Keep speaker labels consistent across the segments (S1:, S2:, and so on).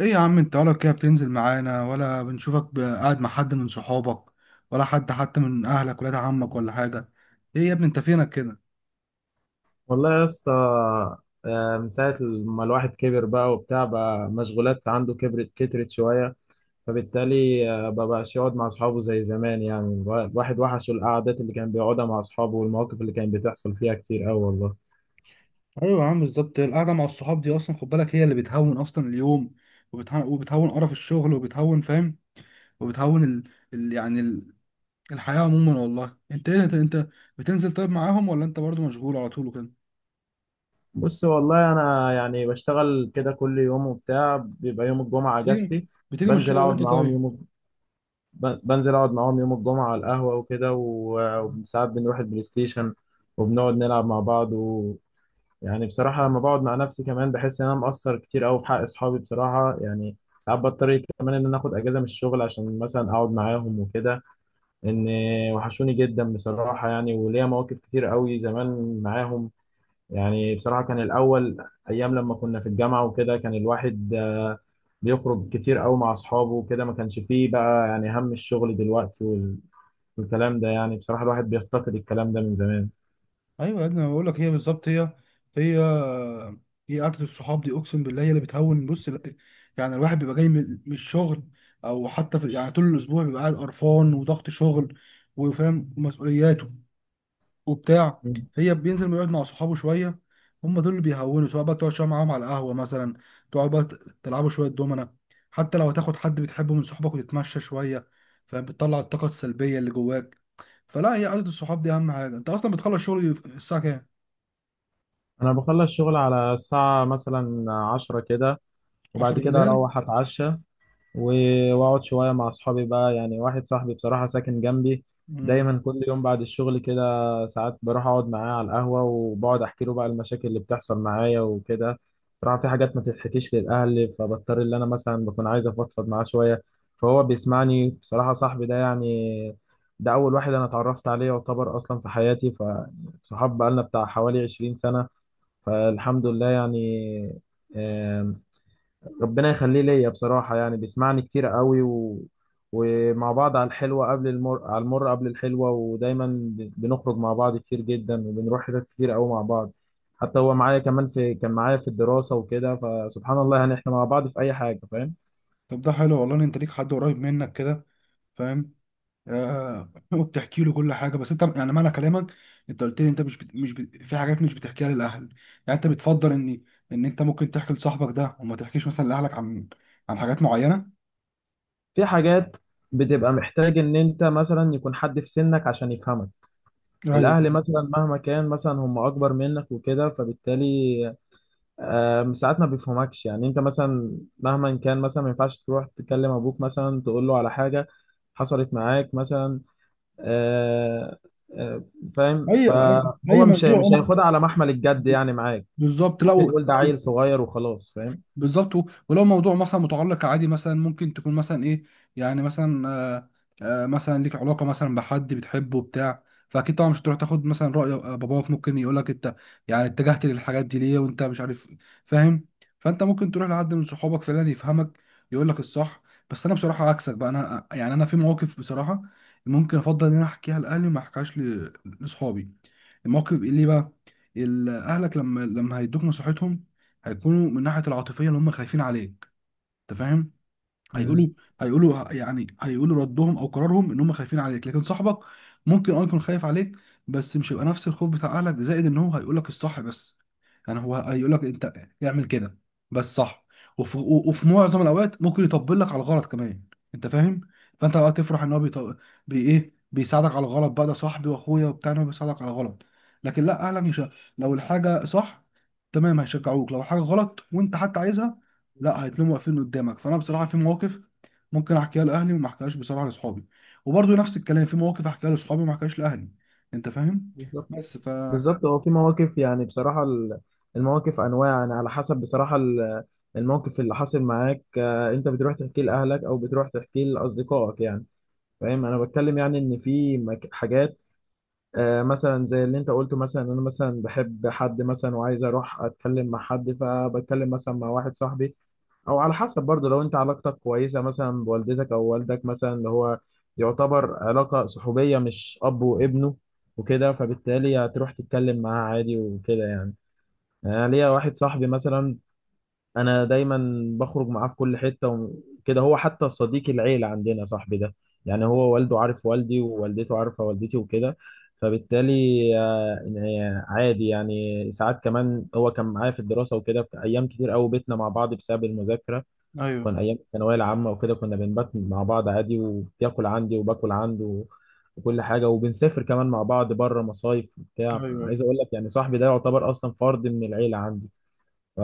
S1: ايه يا عم، انت ولا كده بتنزل معانا ولا بنشوفك قاعد مع حد من صحابك ولا حد حتى من اهلك، ولاد عمك ولا حاجه؟ ايه يا ابني انت فينك كده؟
S2: والله يا اسطى. من ساعة ما الواحد كبر بقى وبتاع بقى مشغولات عنده كبرت كترت شوية، فبالتالي مبقاش يقعد مع أصحابه زي زمان يعني. الواحد وحشه القعدات اللي كان بيقعدها مع أصحابه، والمواقف اللي كانت بتحصل فيها كتير أوي والله.
S1: ايوه يا عم، بالظبط، القعده مع الصحاب دي اصلا خد بالك هي اللي بتهون اصلا اليوم وبتهون قرف الشغل، وبتهون، فاهم؟ وبتهون ال... يعني ال... الحياه عموما والله. انت ايه انت بتنزل طيب معاهم ولا انت برضو مشغول على طول وكده؟
S2: بص والله أنا يعني بشتغل كده كل يوم وبتاع، بيبقى يوم الجمعة
S1: بتيجي
S2: أجازتي.
S1: بتيجي من
S2: بنزل
S1: الشغل
S2: أقعد
S1: امتى
S2: معاهم
S1: طيب؟
S2: يوم بنزل أقعد معاهم يوم الجمعة على القهوة وكده، وساعات بنروح البلاي ستيشن وبنقعد نلعب مع بعض. يعني بصراحة لما بقعد مع نفسي كمان بحس إن أنا مقصر كتير أوي في حق أصحابي بصراحة، يعني ساعات بضطر كمان إن أنا آخد أجازة من الشغل عشان مثلا أقعد معاهم وكده. إن وحشوني جدا بصراحة يعني، وليا مواقف كتير أوي زمان معاهم. يعني بصراحة كان الأول أيام لما كنا في الجامعة وكده كان الواحد بيخرج كتير أوي مع أصحابه وكده، ما كانش فيه بقى يعني هم الشغل دلوقتي والكلام ده، يعني بصراحة الواحد بيفتقد الكلام ده من زمان.
S1: ايوه يا ابني انا بقول لك، هي بالظبط هي هي اكل الصحاب دي، اقسم بالله هي اللي بتهون. بص يعني الواحد بيبقى جاي من الشغل، او حتى في يعني طول الاسبوع بيبقى قاعد قرفان، وضغط شغل، وفاهم ومسؤولياته وبتاع. هي بينزل يقعد مع صحابه شويه، هم دول اللي بيهونوا، سواء بقى تقعد شويه معاهم على القهوه مثلا، تقعد بقى تلعبوا شويه دومنه، حتى لو هتاخد حد بتحبه من صحابك وتتمشى شويه، فاهم؟ بتطلع الطاقه السلبيه اللي جواك. فلا، هي قعده الصحاب دي اهم حاجه. انت اصلا بتخلص شغل الساعه كام؟
S2: أنا بخلص شغل على الساعة مثلا 10 كده،
S1: 10
S2: وبعد كده
S1: بالليل؟
S2: اروح اتعشى واقعد شويه مع اصحابي بقى. يعني واحد صاحبي بصراحه ساكن جنبي،
S1: مم.
S2: دايما كل يوم بعد الشغل كده ساعات بروح اقعد معاه على القهوه، وبقعد احكي له بقى المشاكل اللي بتحصل معايا وكده. بصراحه في حاجات ما تتحكيش للاهل، فبضطر ان انا مثلا بكون عايز افضفض معاه شويه. فهو بيسمعني بصراحه، صاحبي ده يعني، ده اول واحد انا اتعرفت عليه يعتبر اصلا في حياتي. فصحاب بقالنا بتاع حوالي 20 سنه، فالحمد لله يعني. ربنا يخليه ليا بصراحة، يعني بيسمعني كتير قوي ومع بعض على الحلوة قبل المر، على المر قبل الحلوة. ودايما بنخرج مع بعض كتير جدا، وبنروح حتت كتير قوي مع بعض. حتى هو معايا كمان، في كان معايا في الدراسة وكده، فسبحان الله يعني احنا مع بعض في أي حاجة، فاهم.
S1: طب ده حلو والله إن انت ليك حد قريب منك كده، فاهم؟ آه وبتحكي له كل حاجه، بس انت يعني معنى كلامك، انت قلت لي انت مش بت... مش بت... في حاجات مش بتحكيها للاهل، يعني انت بتفضل ان انت ممكن تحكي لصاحبك ده وما تحكيش مثلا لاهلك عن حاجات معينه؟
S2: في حاجات بتبقى محتاج إن أنت مثلا يكون حد في سنك عشان يفهمك.
S1: ايوه
S2: الأهل مثلا مهما كان مثلا هم أكبر منك وكده، فبالتالي ساعات ما بيفهمكش يعني. انت مثلا مهما كان مثلا ما ينفعش تروح تكلم ابوك مثلا تقول له على حاجه حصلت معاك مثلا. آه، آه، فاهم،
S1: أي
S2: فهو
S1: موضوع
S2: مش
S1: اه
S2: هياخدها على محمل الجد يعني معاك.
S1: بالظبط، لا
S2: ممكن يقول ده عيل صغير وخلاص، فاهم.
S1: بالظبط. ولو موضوع مثلا متعلق عادي، مثلا ممكن تكون مثلا ايه، يعني مثلا، مثلا ليك علاقه مثلا بحد بتحبه بتاع فاكيد طبعا مش هتروح تاخد مثلا راي باباك، ممكن يقول لك انت يعني اتجهت للحاجات دي ليه وانت مش عارف، فاهم؟ فانت ممكن تروح لحد من صحابك فعلا يفهمك، يقول لك الصح. بس انا بصراحه عكسك بقى، انا يعني انا في مواقف بصراحه ممكن افضل ان انا احكيها لاهلي وما احكيهاش لاصحابي. الموقف ليه بقى؟ اهلك لما هيدوك نصيحتهم، هيكونوا من ناحيه العاطفيه، اللي هم خايفين عليك، انت فاهم؟
S2: مم.
S1: هيقولوا هيقولوا ردهم او قرارهم، ان هم خايفين عليك. لكن صاحبك ممكن يكون خايف عليك، بس مش هيبقى نفس الخوف بتاع اهلك، زائد ان هو هيقول لك الصح بس. يعني هو هيقول لك، انت اعمل كده بس صح. وفي معظم الاوقات ممكن يطبل لك على الغلط كمان، انت فاهم؟ فانت بقى تفرح ان هو بيط... بي ايه بيساعدك على الغلط، بقى ده صاحبي واخويا وبتاع، إن هو بيساعدك على الغلط. لكن لا، اهلك مش ه- لو الحاجه صح تمام هيشجعوك، لو الحاجه غلط وانت حتى عايزها لا، هيتلموا واقفين قدامك. فانا بصراحه في مواقف ممكن احكيها لاهلي وما احكيهاش بصراحه لاصحابي، وبرضه نفس الكلام، في مواقف احكيها لاصحابي وما احكيهاش لاهلي، انت فاهم؟
S2: بالظبط.
S1: بس ف
S2: بالظبط، هو في مواقف يعني بصراحه المواقف انواع يعني على حسب بصراحه الموقف اللي حاصل معاك. انت بتروح تحكيه لاهلك او بتروح تحكيه لاصدقائك يعني، فاهم. انا بتكلم يعني ان في حاجات، مثلا زي اللي انت قلته، مثلا انا مثلا بحب حد مثلا وعايز اروح اتكلم مع حد فبتكلم مثلا مع واحد صاحبي. او على حسب برضه لو انت علاقتك كويسه مثلا بوالدتك او والدك مثلا، اللي هو يعتبر علاقه صحوبيه مش اب وابنه وكده، فبالتالي هتروح تتكلم معاه عادي وكده يعني. يعني انا ليا واحد صاحبي مثلا انا دايما بخرج معاه في كل حته وكده، هو حتى صديق العيله عندنا صاحبي ده. يعني هو والده عارف والدي، ووالدته عارفه والدتي وكده، فبالتالي آه، عادي. يعني ساعات كمان هو كان معايا في الدراسه وكده، في ايام كتير قوي بيتنا مع بعض بسبب المذاكره.
S1: ايوه،
S2: كان ايام الثانويه العامه وكده كنا بنبات مع بعض عادي، وبياكل عندي وباكل عنده وكل حاجه، وبنسافر كمان مع بعض بره مصايف
S1: ايوه،
S2: وبتاع.
S1: ايوه،
S2: عايز اقول لك يعني صاحبي ده يعتبر اصلا فرد من العيله عندي. ف-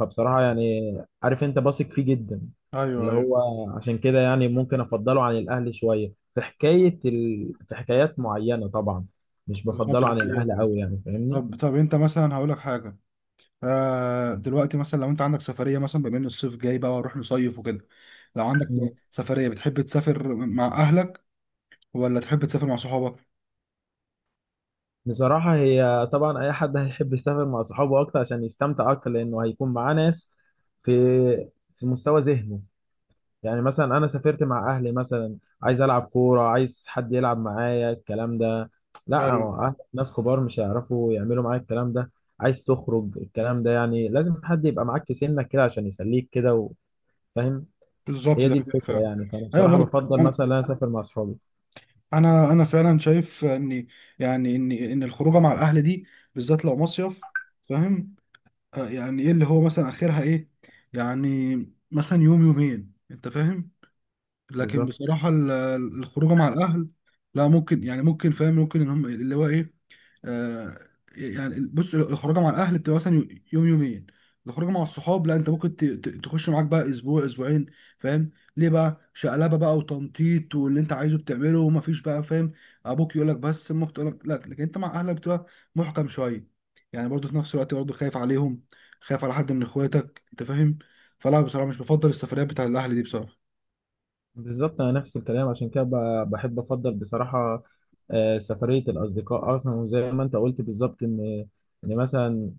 S2: فبصراحة يعني، عارف انت بثق فيه جدا
S1: ايوه،
S2: اللي
S1: ايوه،
S2: هو، عشان كده يعني ممكن افضله عن الاهلي شوية في حكاية في حكايات معينة طبعا. مش
S1: بالظبط
S2: بفضله
S1: ده
S2: عن
S1: حقيقة
S2: الاهلي
S1: فعلا.
S2: قوي يعني، فاهمني.
S1: طب انت مثلا، هقول لك حاجه، دلوقتي مثلا، لو انت عندك سفريه، مثلا بما ان الصيف جاي بقى وهنروح نصيف وكده، لو عندك
S2: مم.
S1: سفريه، بتحب تسافر مع اهلك ولا تحب تسافر مع صحابك؟
S2: بصراحة هي طبعا اي حد هيحب يسافر مع صحابه اكتر عشان يستمتع اكتر، لانه هيكون معاه ناس في في مستوى ذهنه. يعني مثلا انا سافرت مع اهلي مثلا، عايز العب كوره، عايز حد يلعب معايا الكلام ده، لا
S1: ايوه
S2: هو ناس كبار مش هيعرفوا يعملوا معايا الكلام ده. عايز تخرج الكلام ده يعني لازم حد يبقى معاك في سنك كده عشان يسليك كده، وفاهم.
S1: بالظبط
S2: هي
S1: ده
S2: دي
S1: حقيقة
S2: الفكره
S1: فعلا.
S2: يعني، فانا
S1: ايوه
S2: بصراحه
S1: بقى،
S2: بفضل
S1: انا
S2: مثلا إن انا اسافر مع اصحابي.
S1: انا فعلا شايف ان، يعني ان الخروجه مع الاهل دي، بالذات لو مصيف، فاهم؟ يعني ايه اللي هو مثلا اخرها ايه؟ يعني مثلا يوم يومين، انت فاهم؟ لكن
S2: بالظبط.
S1: بصراحه، الخروجه مع الاهل، لا، ممكن يعني ممكن فاهم، ممكن ان هم اللي هو ايه، آه، يعني بص، الخروجه مع الاهل بتبقى مثلا يوم يومين، الخروجه مع الصحاب لا، انت ممكن تخش معاك بقى اسبوع اسبوعين، فاهم؟ ليه بقى، شقلبه بقى وتنطيط واللي انت عايزه بتعمله، ومفيش بقى، فاهم؟ ابوك يقول لك بس امك تقول لك لا، لكن انت مع اهلك بتبقى محكم شويه، يعني برضه في نفس الوقت برضه خايف عليهم، خايف على حد من اخواتك، انت فاهم؟ فلا، بصراحه مش بفضل السفريات بتاع الاهل دي بصراحه.
S2: بالظبط انا نفس الكلام، عشان كده بحب افضل بصراحه سفريه الاصدقاء اصلا. وزي ما انت قلت بالظبط، ان مثلا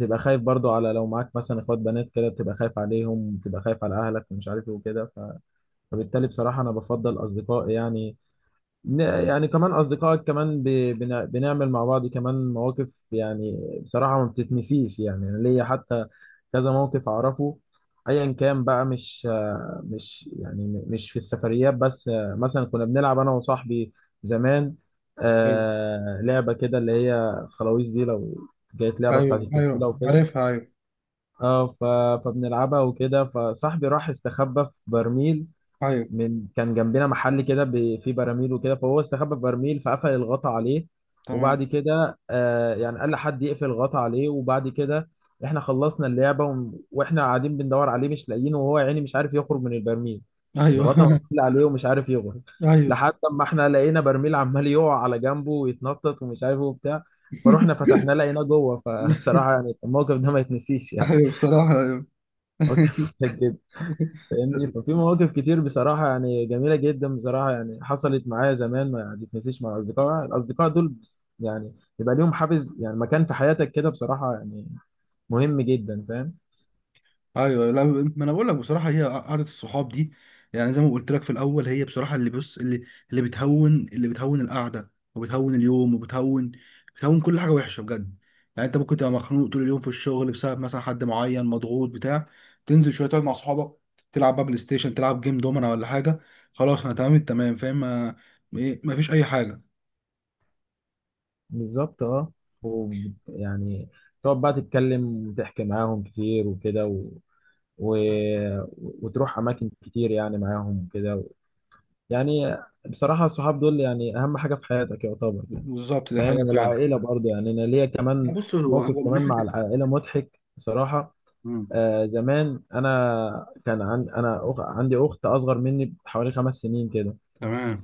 S2: تبقى خايف برضو، على لو معاك مثلا اخوات بنات كده بتبقى خايف عليهم، بتبقى خايف على اهلك ومش عارف ايه وكده، فبالتالي بصراحه انا بفضل اصدقائي يعني. يعني كمان أصدقائك كمان بنعمل مع بعض كمان مواقف يعني بصراحة ما بتتنسيش، يعني أنا ليا حتى كذا موقف أعرفه. أيا كان بقى، مش مش يعني مش في السفريات بس. مثلا كنا بنلعب أنا وصاحبي زمان
S1: ايوه،
S2: لعبة كده اللي هي خلاويص دي، لو جت لعبة بتاعت
S1: ايوه،
S2: الطفولة
S1: ايوه
S2: وكده.
S1: عارفها، ايوه،
S2: اه فبنلعبها وكده، فصاحبي راح استخبى في برميل
S1: ايوه،
S2: من كان جنبنا محل كده فيه براميل وكده، فهو استخبى في برميل فقفل الغطا عليه. وبعد
S1: تمام،
S2: كده آه يعني قال لحد يقفل الغطا عليه، وبعد كده احنا خلصنا اللعبه واحنا قاعدين بندور عليه مش لاقيينه، وهو يعني مش عارف يخرج من البرميل،
S1: ايوه
S2: الغطا مقفول عليه ومش عارف يخرج.
S1: ايوه
S2: لحد ما احنا لقينا برميل عمال يقع على جنبه ويتنطط ومش عارف ايه وبتاع، فروحنا فتحناه لقيناه جوه فصراحه يعني الموقف ده ما يتنسيش يعني.
S1: ايوه بصراحة ايوه
S2: موقف مضحك جدا. فاهمني، ففي مواقف كتير بصراحة يعني جميلة جدا بصراحة يعني حصلت معايا زمان ما تتنسيش مع الأصدقاء، الأصدقاء دول يعني يبقى ليهم حافز يعني، مكان في حياتك كده بصراحة يعني، مهم جدا، فاهم.
S1: ايوه، لا، ما انا بقول لك بصراحة، هي قعدة الصحاب دي، يعني زي ما قلت لك في الاول، هي بصراحة اللي، بص، اللي بتهون، اللي بتهون القعدة، وبتهون اليوم، وبتهون، بتهون كل حاجة وحشة بجد. يعني انت ممكن تبقى مخنوق طول اليوم في الشغل بسبب مثلا حد معين، مضغوط بتاع تنزل شوية تقعد مع صحابك، تلعب بقى بلاي ستيشن، تلعب جيم دومنا ولا حاجة، خلاص انا تمام التمام، فاهم؟ ما ما فيش اي حاجة.
S2: بالظبط اه. و- يعني تقعد بقى تتكلم وتحكي معاهم كتير وكده، و... وتروح أماكن كتير يعني معاهم وكده يعني بصراحة الصحاب دول يعني أهم حاجة في حياتك يعتبر،
S1: بالظبط دي حقيقة
S2: فاهم.
S1: فعلا.
S2: والعائله برضه، يعني انا ليا كمان
S1: بص هو،
S2: موقف
S1: من
S2: كمان مع
S1: ناحية،
S2: العائله مضحك بصراحه.
S1: مم.
S2: آه زمان، انا كان عن انا عندي اخت اصغر مني بحوالي 5 سنين كده.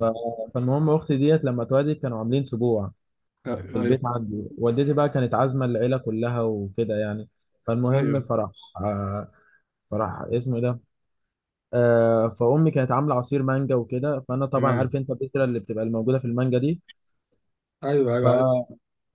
S2: ف... فالمهم اختي ديت لما اتولدت كانوا عاملين سبوع في البيت
S1: ايوه،
S2: عندي، والدتي بقى كانت عازمه العيله كلها وكده يعني.
S1: ايوه،
S2: فالمهم فرح. آه فرح اسمه إيه ده. فامي كانت عامله عصير مانجا وكده، فانا طبعا عارف
S1: تمام،
S2: انت البذره اللي بتبقى الموجوده في المانجا دي.
S1: ايوه،
S2: ف
S1: ايوه عارف،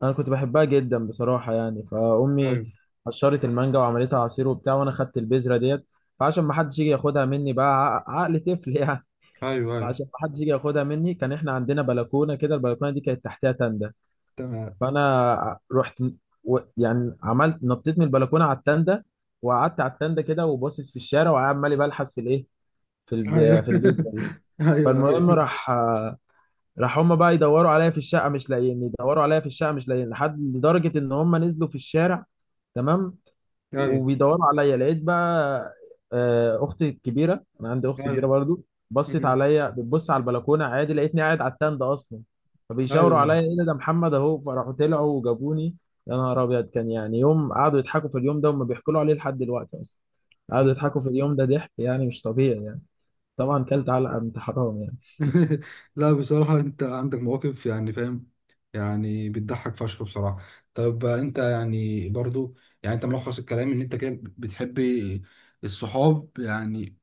S2: انا كنت بحبها جدا بصراحه يعني، فامي
S1: ايوه،
S2: قشرت المانجا وعملتها عصير وبتاع، وانا خدت البذره ديت. فعشان ما حدش يجي ياخدها مني بقى، عقل طفل يعني،
S1: ايوه، ايوه،
S2: فعشان ما حدش يجي ياخدها مني كان احنا عندنا بلكونه كده، البلكونه دي كانت تحتها تندة.
S1: تمام،
S2: فانا رحت يعني عملت نطيت من البلكونه على التندة، وقعدت على التندة كده وباصص في الشارع، وعمال بلحس في الايه، في
S1: ايوه
S2: في البذره دي.
S1: ايوه،
S2: فالمهم
S1: ايوه،
S2: راح هما بقى يدوروا عليا في الشقه مش لاقيني، يدوروا عليا في الشقه مش لاقيني، لحد لدرجه ان هما نزلوا في الشارع. تمام.
S1: ايوه،
S2: وبيدوروا عليا، لقيت بقى اختي الكبيره، انا عندي اخت كبيره
S1: ايوه،
S2: برضو، بصت
S1: مم.
S2: عليا بتبص على البلكونه عادي لقيتني قاعد على التند اصلا. فبيشاوروا
S1: ايوه،
S2: عليا ايه ده محمد اهو، فراحوا طلعوا وجابوني. يا نهار ابيض، كان يعني يوم قعدوا يضحكوا في اليوم ده، وما بيحكوا له عليه لحد دلوقتي اصلا، قعدوا
S1: أيوة.
S2: يضحكوا في اليوم ده ضحك يعني مش طبيعي يعني. طبعا كلت علقه من حرام يعني.
S1: لا بصراحة انت عندك مواقف يعني، فاهم؟ يعني بتضحك فشخ بصراحة. طب انت يعني برضو، يعني انت ملخص الكلام ان انت كده بتحب الصحاب يعني،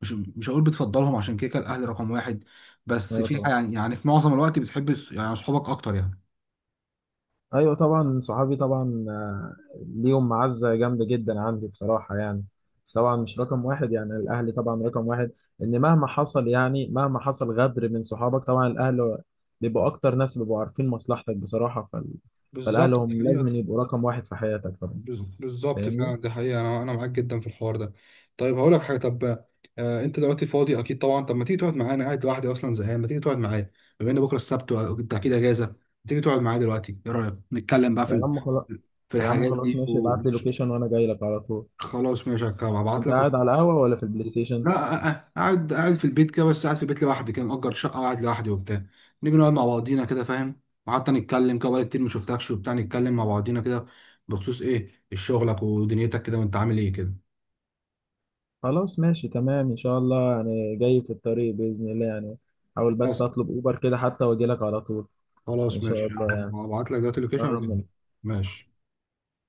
S1: مش هقول بتفضلهم، عشان كده كده الاهل رقم واحد، بس
S2: اه
S1: في
S2: طبعا.
S1: يعني في معظم الوقت بتحب يعني صحابك اكتر يعني.
S2: ايوه طبعا صحابي طبعا، ليهم معزه جامده جدا عندي بصراحه يعني. بس طبعا مش رقم واحد، يعني الاهلي طبعا رقم واحد، ان مهما حصل، يعني مهما حصل غدر من صحابك، طبعا الاهل بيبقوا اكتر ناس بيبقوا عارفين مصلحتك بصراحه. فالاهل
S1: بالظبط دي
S2: هم لازم
S1: حقيقة.
S2: يبقوا رقم واحد في حياتك طبعا،
S1: بالظبط
S2: فاهمني.
S1: فعلا دي حقيقة، أنا معاك جدا في الحوار ده. طيب هقول لك حاجة، طب، أنت دلوقتي فاضي أكيد طبعا، طب ما تيجي تقعد معايا؟ أنا قاعد لوحدي أصلا زهقان، ما تيجي تقعد معايا بما إن بكرة السبت وأنت أكيد أجازة؟ ما تيجي تقعد معايا دلوقتي؟ إيه رأيك نتكلم بقى في
S2: يا عم خلاص.
S1: في
S2: يا عم
S1: الحاجات
S2: خلاص
S1: دي
S2: ماشي، ابعت لي لوكيشن وانا جاي لك على طول.
S1: خلاص ماشي هبعت
S2: انت
S1: لك.
S2: قاعد على القهوه ولا في البلاي ستيشن؟
S1: لا قاعد، في البيت كده، بس قاعد في البيت لوحدي كده، مأجر شقة وقاعد لوحدي وبتاع، نيجي نقعد مع بعضينا كده، فاهم؟ وحتى نتكلم كده، بقالي كتير ما شفتكش وبتاع، نتكلم مع بعضينا كده بخصوص ايه، شغلك ودنيتك كده، وانت عامل ايه كده.
S2: خلاص ماشي تمام، ان شاء الله يعني، جاي في الطريق باذن الله يعني، حاول بس
S1: خلاص،
S2: اطلب اوبر كده حتى واجي لك على طول، ان
S1: خلاص
S2: شاء
S1: ماشي،
S2: الله يعني،
S1: هبعت لك دلوقتي اللوكيشن
S2: قرب
S1: وكده.
S2: منك.
S1: ماشي.